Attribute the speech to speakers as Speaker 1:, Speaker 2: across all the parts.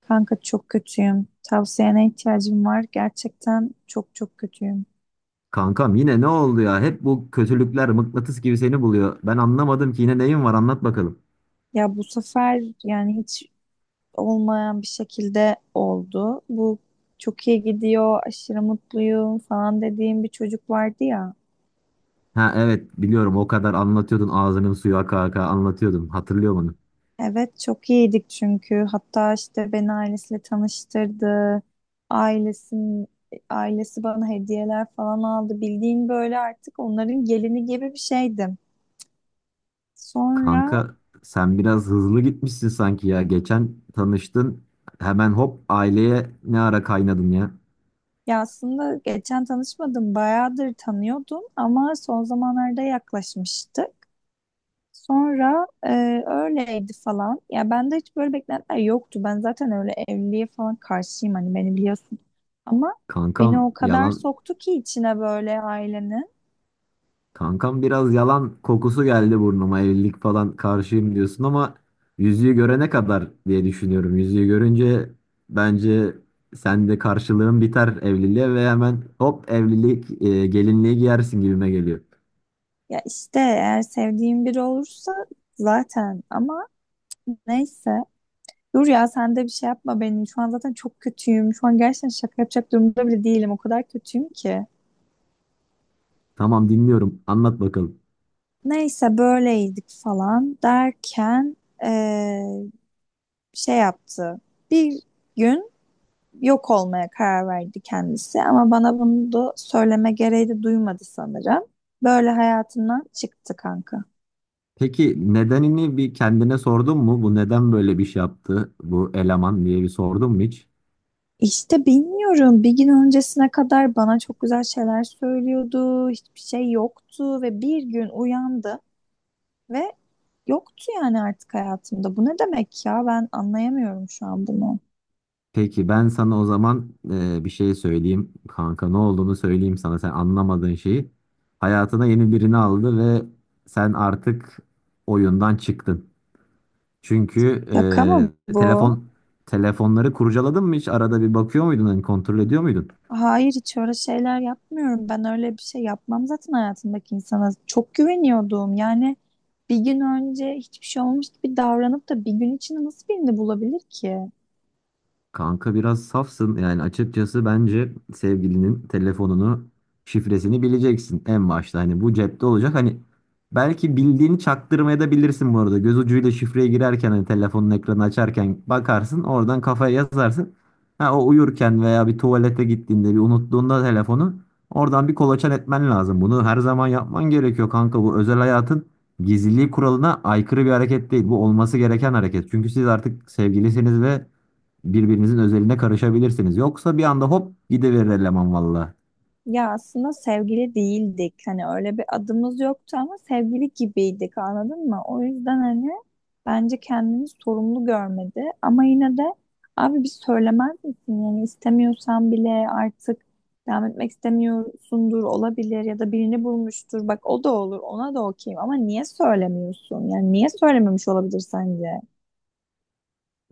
Speaker 1: Kanka çok kötüyüm. Tavsiyene ihtiyacım var. Gerçekten çok kötüyüm.
Speaker 2: Kankam yine ne oldu ya? Hep bu kötülükler mıknatıs gibi seni buluyor. Ben anlamadım ki yine neyin var, anlat bakalım.
Speaker 1: Ya bu sefer yani hiç olmayan bir şekilde oldu. Bu çok iyi gidiyor, aşırı mutluyum falan dediğim bir çocuk vardı ya.
Speaker 2: Ha, evet biliyorum, o kadar anlatıyordun, ağzının suyu aka aka anlatıyordun. Hatırlıyorum onu.
Speaker 1: Evet çok iyiydik çünkü. Hatta işte beni ailesiyle tanıştırdı. Ailesin, Ailesi bana hediyeler falan aldı. Bildiğin böyle artık onların gelini gibi bir şeydim. Sonra
Speaker 2: Kanka sen biraz hızlı gitmişsin sanki ya. Geçen tanıştın, hemen hop aileye ne ara kaynadın ya.
Speaker 1: ya aslında geçen tanışmadım, bayağıdır tanıyordum ama son zamanlarda yaklaşmıştık. Sonra öyleydi falan. Ya bende hiç böyle beklentiler yoktu. Ben zaten öyle evliliğe falan karşıyım hani beni biliyorsun. Ama
Speaker 2: Kankam
Speaker 1: beni o kadar
Speaker 2: yalan
Speaker 1: soktu ki içine böyle ailenin.
Speaker 2: Kankam biraz yalan kokusu geldi burnuma. Evlilik falan karşıyım diyorsun ama yüzüğü görene kadar diye düşünüyorum. Yüzüğü görünce bence sen de karşılığın biter evliliğe ve hemen hop evlilik gelinliği giyersin gibime geliyor.
Speaker 1: Ya işte eğer sevdiğim biri olursa zaten ama neyse. Dur ya sen de bir şey yapma benim. Şu an zaten çok kötüyüm. Şu an gerçekten şaka yapacak durumda bile değilim. O kadar kötüyüm ki.
Speaker 2: Tamam, dinliyorum. Anlat bakalım.
Speaker 1: Neyse böyleydik falan derken eee, şey yaptı. Bir gün yok olmaya karar verdi kendisi ama bana bunu da söyleme gereği de duymadı sanırım. Böyle hayatından çıktı kanka.
Speaker 2: Peki nedenini bir kendine sordun mu? Bu neden böyle bir şey yaptı bu eleman diye bir sordun mu hiç?
Speaker 1: İşte bilmiyorum. Bir gün öncesine kadar bana çok güzel şeyler söylüyordu. Hiçbir şey yoktu ve bir gün uyandı ve yoktu yani artık hayatımda. Bu ne demek ya? Ben anlayamıyorum şu an bunu.
Speaker 2: Peki ben sana o zaman bir şey söyleyeyim kanka, ne olduğunu söyleyeyim sana, sen anlamadığın şeyi. Hayatına yeni birini aldı ve sen artık oyundan çıktın. Çünkü
Speaker 1: Şaka mı
Speaker 2: e,
Speaker 1: bu?
Speaker 2: telefon telefonları kurcaladın mı, hiç arada bir bakıyor muydun, hani kontrol ediyor muydun?
Speaker 1: Hayır hiç öyle şeyler yapmıyorum. Ben öyle bir şey yapmam zaten hayatımdaki insana. Çok güveniyordum. Yani bir gün önce hiçbir şey olmamış gibi davranıp da bir gün içinde nasıl birini bulabilir ki?
Speaker 2: Kanka biraz safsın. Yani açıkçası bence sevgilinin telefonunu, şifresini bileceksin en başta. Hani bu cepte olacak. Hani belki bildiğini çaktırmaya da bilirsin bu arada. Göz ucuyla şifreye girerken, hani telefonun ekranı açarken bakarsın. Oradan kafaya yazarsın. Ha, o uyurken veya bir tuvalete gittiğinde, bir unuttuğunda telefonu oradan bir kolaçan etmen lazım. Bunu her zaman yapman gerekiyor kanka. Bu özel hayatın gizliliği kuralına aykırı bir hareket değil. Bu olması gereken hareket. Çünkü siz artık sevgilisiniz ve birbirinizin özeline karışabilirsiniz. Yoksa bir anda hop gidiverir eleman valla.
Speaker 1: Ya aslında sevgili değildik. Hani öyle bir adımız yoktu ama sevgili gibiydik anladın mı? O yüzden hani bence kendini sorumlu görmedi. Ama yine de abi bir söylemez misin? Yani istemiyorsan bile artık devam etmek istemiyorsundur olabilir ya da birini bulmuştur. Bak o da olur ona da okeyim ama niye söylemiyorsun? Yani niye söylememiş olabilir sence?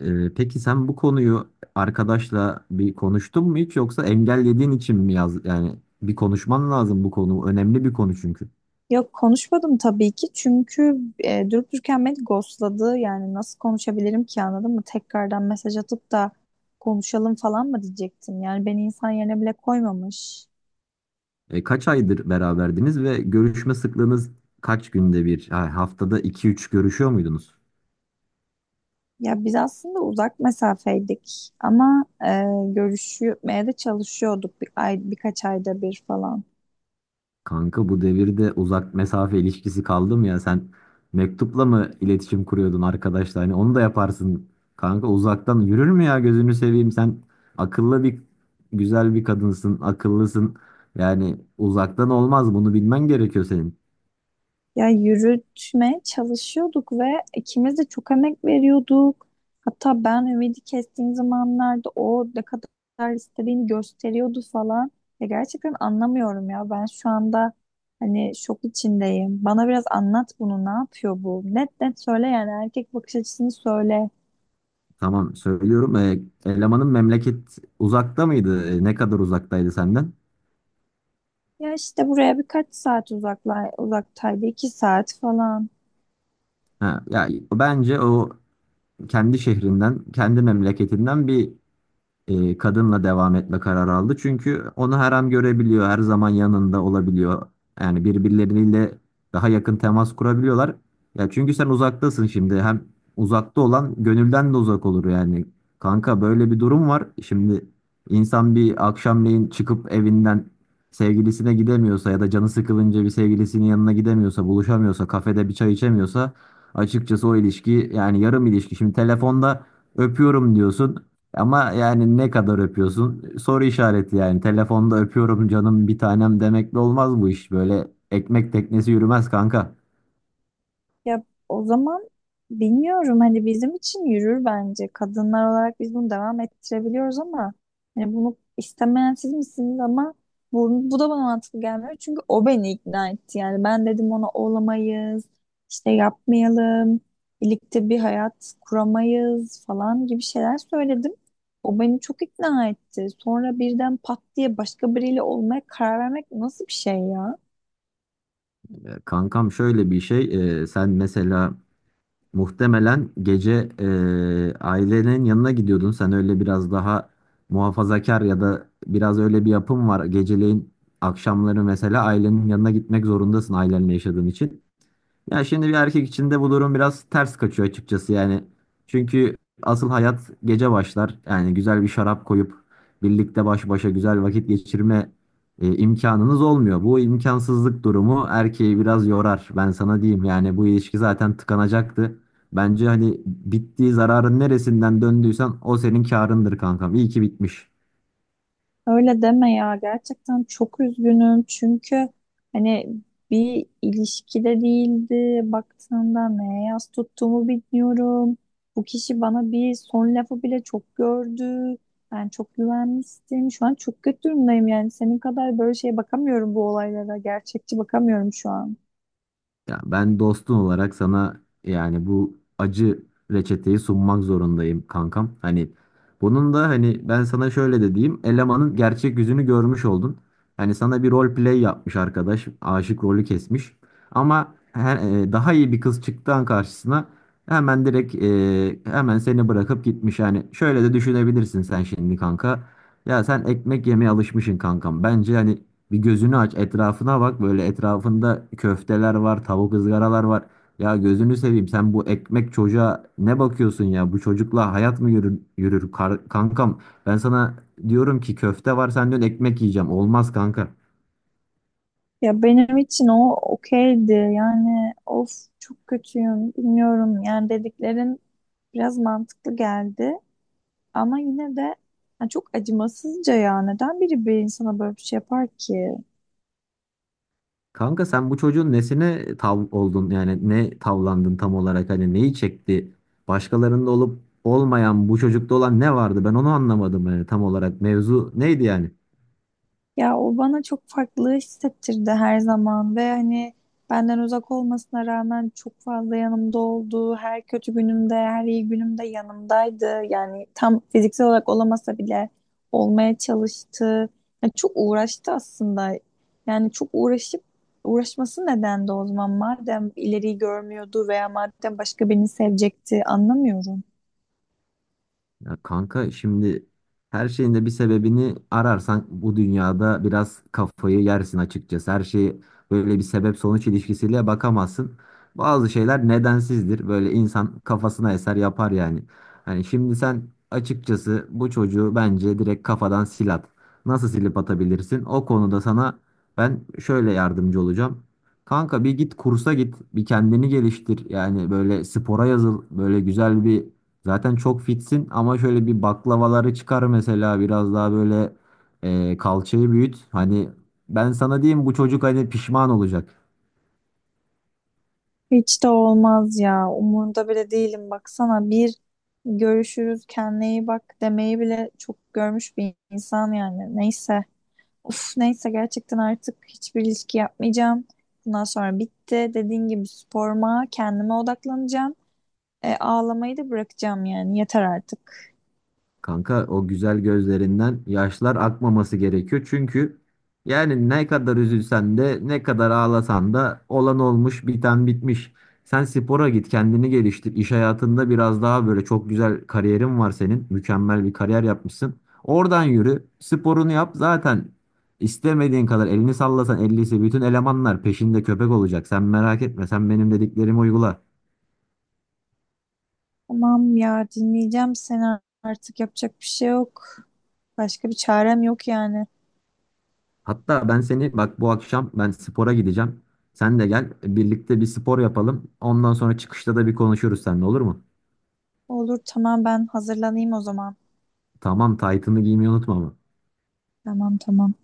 Speaker 2: Peki sen bu konuyu arkadaşla bir konuştun mu hiç, yoksa engellediğin için mi? Yaz yani, bir konuşman lazım, bu konu önemli bir konu çünkü.
Speaker 1: Yok konuşmadım tabii ki çünkü durup dururken beni ghostladı. Yani nasıl konuşabilirim ki anladın mı? Tekrardan mesaj atıp da konuşalım falan mı diyecektim. Yani beni insan yerine bile koymamış.
Speaker 2: Kaç aydır beraberdiniz ve görüşme sıklığınız kaç günde bir? Ha, haftada iki üç görüşüyor muydunuz?
Speaker 1: Ya biz aslında uzak mesafeydik ama görüşmeye de çalışıyorduk bir ay, birkaç ayda bir falan.
Speaker 2: Kanka bu devirde uzak mesafe ilişkisi kaldı mı ya? Sen mektupla mı iletişim kuruyordun arkadaşla? Hani onu da yaparsın. Kanka uzaktan yürür mü ya, gözünü seveyim? Sen akıllı bir güzel bir kadınsın, akıllısın. Yani uzaktan olmaz, bunu bilmen gerekiyor senin.
Speaker 1: Ya yürütmeye çalışıyorduk ve ikimiz de çok emek veriyorduk. Hatta ben ümidi kestiğim zamanlarda o ne kadar istediğini gösteriyordu falan. Ya gerçekten anlamıyorum ya. Ben şu anda hani şok içindeyim. Bana biraz anlat bunu. Ne yapıyor bu? Net net söyle yani erkek bakış açısını söyle.
Speaker 2: Tamam, söylüyorum. Elemanın memleket uzakta mıydı? Ne kadar uzaktaydı senden?
Speaker 1: Ya işte buraya birkaç saat uzaktaydı. İki saat falan.
Speaker 2: Ha, ya bence o kendi şehrinden, kendi memleketinden bir kadınla devam etme kararı aldı. Çünkü onu her an görebiliyor, her zaman yanında olabiliyor. Yani birbirleriyle daha yakın temas kurabiliyorlar. Ya çünkü sen uzaktasın şimdi. Hem uzakta olan gönülden de uzak olur yani. Kanka böyle bir durum var. Şimdi insan bir akşamleyin çıkıp evinden sevgilisine gidemiyorsa ya da canı sıkılınca bir sevgilisinin yanına gidemiyorsa, buluşamıyorsa, kafede bir çay içemiyorsa, açıkçası o ilişki yani yarım ilişki. Şimdi telefonda öpüyorum diyorsun. Ama yani ne kadar öpüyorsun? Soru işareti yani. Telefonda öpüyorum canım, bir tanem demekle olmaz bu iş. Böyle ekmek teknesi yürümez kanka.
Speaker 1: Ya o zaman bilmiyorum hani bizim için yürür bence. Kadınlar olarak biz bunu devam ettirebiliyoruz ama hani bunu istemeyen siz misiniz ama bu da bana mantıklı gelmiyor. Çünkü o beni ikna etti. Yani ben dedim ona olamayız, işte yapmayalım, birlikte bir hayat kuramayız falan gibi şeyler söyledim. O beni çok ikna etti. Sonra birden pat diye başka biriyle olmaya karar vermek nasıl bir şey ya?
Speaker 2: Ya kankam, şöyle bir şey. Sen mesela muhtemelen gece ailenin yanına gidiyordun. Sen öyle biraz daha muhafazakar ya da biraz öyle bir yapım var. Geceleyin, akşamları mesela ailenin yanına gitmek zorundasın ailenle yaşadığın için. Ya şimdi bir erkek için de bu durum biraz ters kaçıyor açıkçası yani. Çünkü asıl hayat gece başlar. Yani güzel bir şarap koyup birlikte baş başa güzel vakit geçirme imkanınız olmuyor. Bu imkansızlık durumu erkeği biraz yorar. Ben sana diyeyim yani, bu ilişki zaten tıkanacaktı. Bence hani bittiği, zararın neresinden döndüysen o senin karındır kankam. İyi ki bitmiş.
Speaker 1: Öyle deme ya gerçekten çok üzgünüm çünkü hani bir ilişkide değildi baktığında neye yas tuttuğumu bilmiyorum. Bu kişi bana bir son lafı bile çok gördü. Ben çok güvenmiştim. Şu an çok kötü durumdayım yani senin kadar böyle şeye bakamıyorum bu olaylara. Gerçekçi bakamıyorum şu an.
Speaker 2: Ya, ben dostun olarak sana yani bu acı reçeteyi sunmak zorundayım kankam. Hani bunun da hani, ben sana şöyle de diyeyim. Elemanın gerçek yüzünü görmüş oldun. Hani sana bir rol play yapmış arkadaş. Aşık rolü kesmiş. Ama daha iyi bir kız çıktı an karşısına, hemen direkt hemen seni bırakıp gitmiş. Yani şöyle de düşünebilirsin sen şimdi kanka. Ya sen ekmek yemeye alışmışsın kankam. Bence hani bir gözünü aç, etrafına bak. Böyle etrafında köfteler var, tavuk ızgaralar var. Ya gözünü seveyim. Sen bu ekmek çocuğa ne bakıyorsun ya? Bu çocukla hayat mı yürür, yürür kankam? Ben sana diyorum ki köfte var, sen diyorsun ekmek yiyeceğim. Olmaz kanka.
Speaker 1: Ya benim için o okeydi yani of çok kötüyüm bilmiyorum yani dediklerin biraz mantıklı geldi. Ama yine de ha, çok acımasızca ya. Neden biri bir insana böyle bir şey yapar ki?
Speaker 2: Kanka sen bu çocuğun nesine tav oldun? Yani ne tavlandın tam olarak? Hani neyi çekti? Başkalarında olup olmayan bu çocukta olan ne vardı? Ben onu anlamadım yani tam olarak. Mevzu neydi yani?
Speaker 1: Ya o bana çok farklı hissettirdi her zaman ve hani benden uzak olmasına rağmen çok fazla yanımda oldu. Her kötü günümde, her iyi günümde yanımdaydı. Yani tam fiziksel olarak olamasa bile olmaya çalıştı. Ya çok uğraştı aslında. Yani çok uğraşıp uğraşması neden de o zaman madem ileriyi görmüyordu veya madem başka birini sevecekti anlamıyorum.
Speaker 2: Ya kanka şimdi, her şeyin de bir sebebini ararsan bu dünyada biraz kafayı yersin açıkçası. Her şeyi böyle bir sebep sonuç ilişkisiyle bakamazsın. Bazı şeyler nedensizdir. Böyle insan kafasına eser yapar yani. Hani şimdi sen açıkçası bu çocuğu bence direkt kafadan sil at. Nasıl silip atabilirsin? O konuda sana ben şöyle yardımcı olacağım. Kanka bir git kursa git, bir kendini geliştir. Yani böyle spora yazıl, böyle güzel bir... Zaten çok fitsin ama şöyle bir baklavaları çıkar mesela, biraz daha böyle kalçayı büyüt. Hani ben sana diyeyim, bu çocuk hani pişman olacak.
Speaker 1: Hiç de olmaz ya. Umurunda bile değilim. Baksana bir görüşürüz kendine iyi bak demeyi bile çok görmüş bir insan yani. Neyse. Uf neyse gerçekten artık hiçbir ilişki yapmayacağım. Bundan sonra bitti. Dediğin gibi sporuma, kendime odaklanacağım. Ağlamayı da bırakacağım yani. Yeter artık.
Speaker 2: Kanka, o güzel gözlerinden yaşlar akmaması gerekiyor. Çünkü yani ne kadar üzülsen de, ne kadar ağlasan da olan olmuş, biten bitmiş. Sen spora git, kendini geliştir. İş hayatında biraz daha böyle, çok güzel kariyerin var senin. Mükemmel bir kariyer yapmışsın. Oradan yürü, sporunu yap, zaten istemediğin kadar elini sallasan ellisi, bütün elemanlar peşinde köpek olacak. Sen merak etme, sen benim dediklerimi uygula.
Speaker 1: Tamam ya dinleyeceğim seni artık yapacak bir şey yok. Başka bir çarem yok yani.
Speaker 2: Hatta ben seni, bak bu akşam ben spora gideceğim. Sen de gel, birlikte bir spor yapalım. Ondan sonra çıkışta da bir konuşuruz seninle, olur mu?
Speaker 1: Olur tamam ben hazırlanayım o zaman.
Speaker 2: Tamam, taytını giymeyi unutma ama.
Speaker 1: Tamam tamam.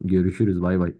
Speaker 2: Görüşürüz, bay bay.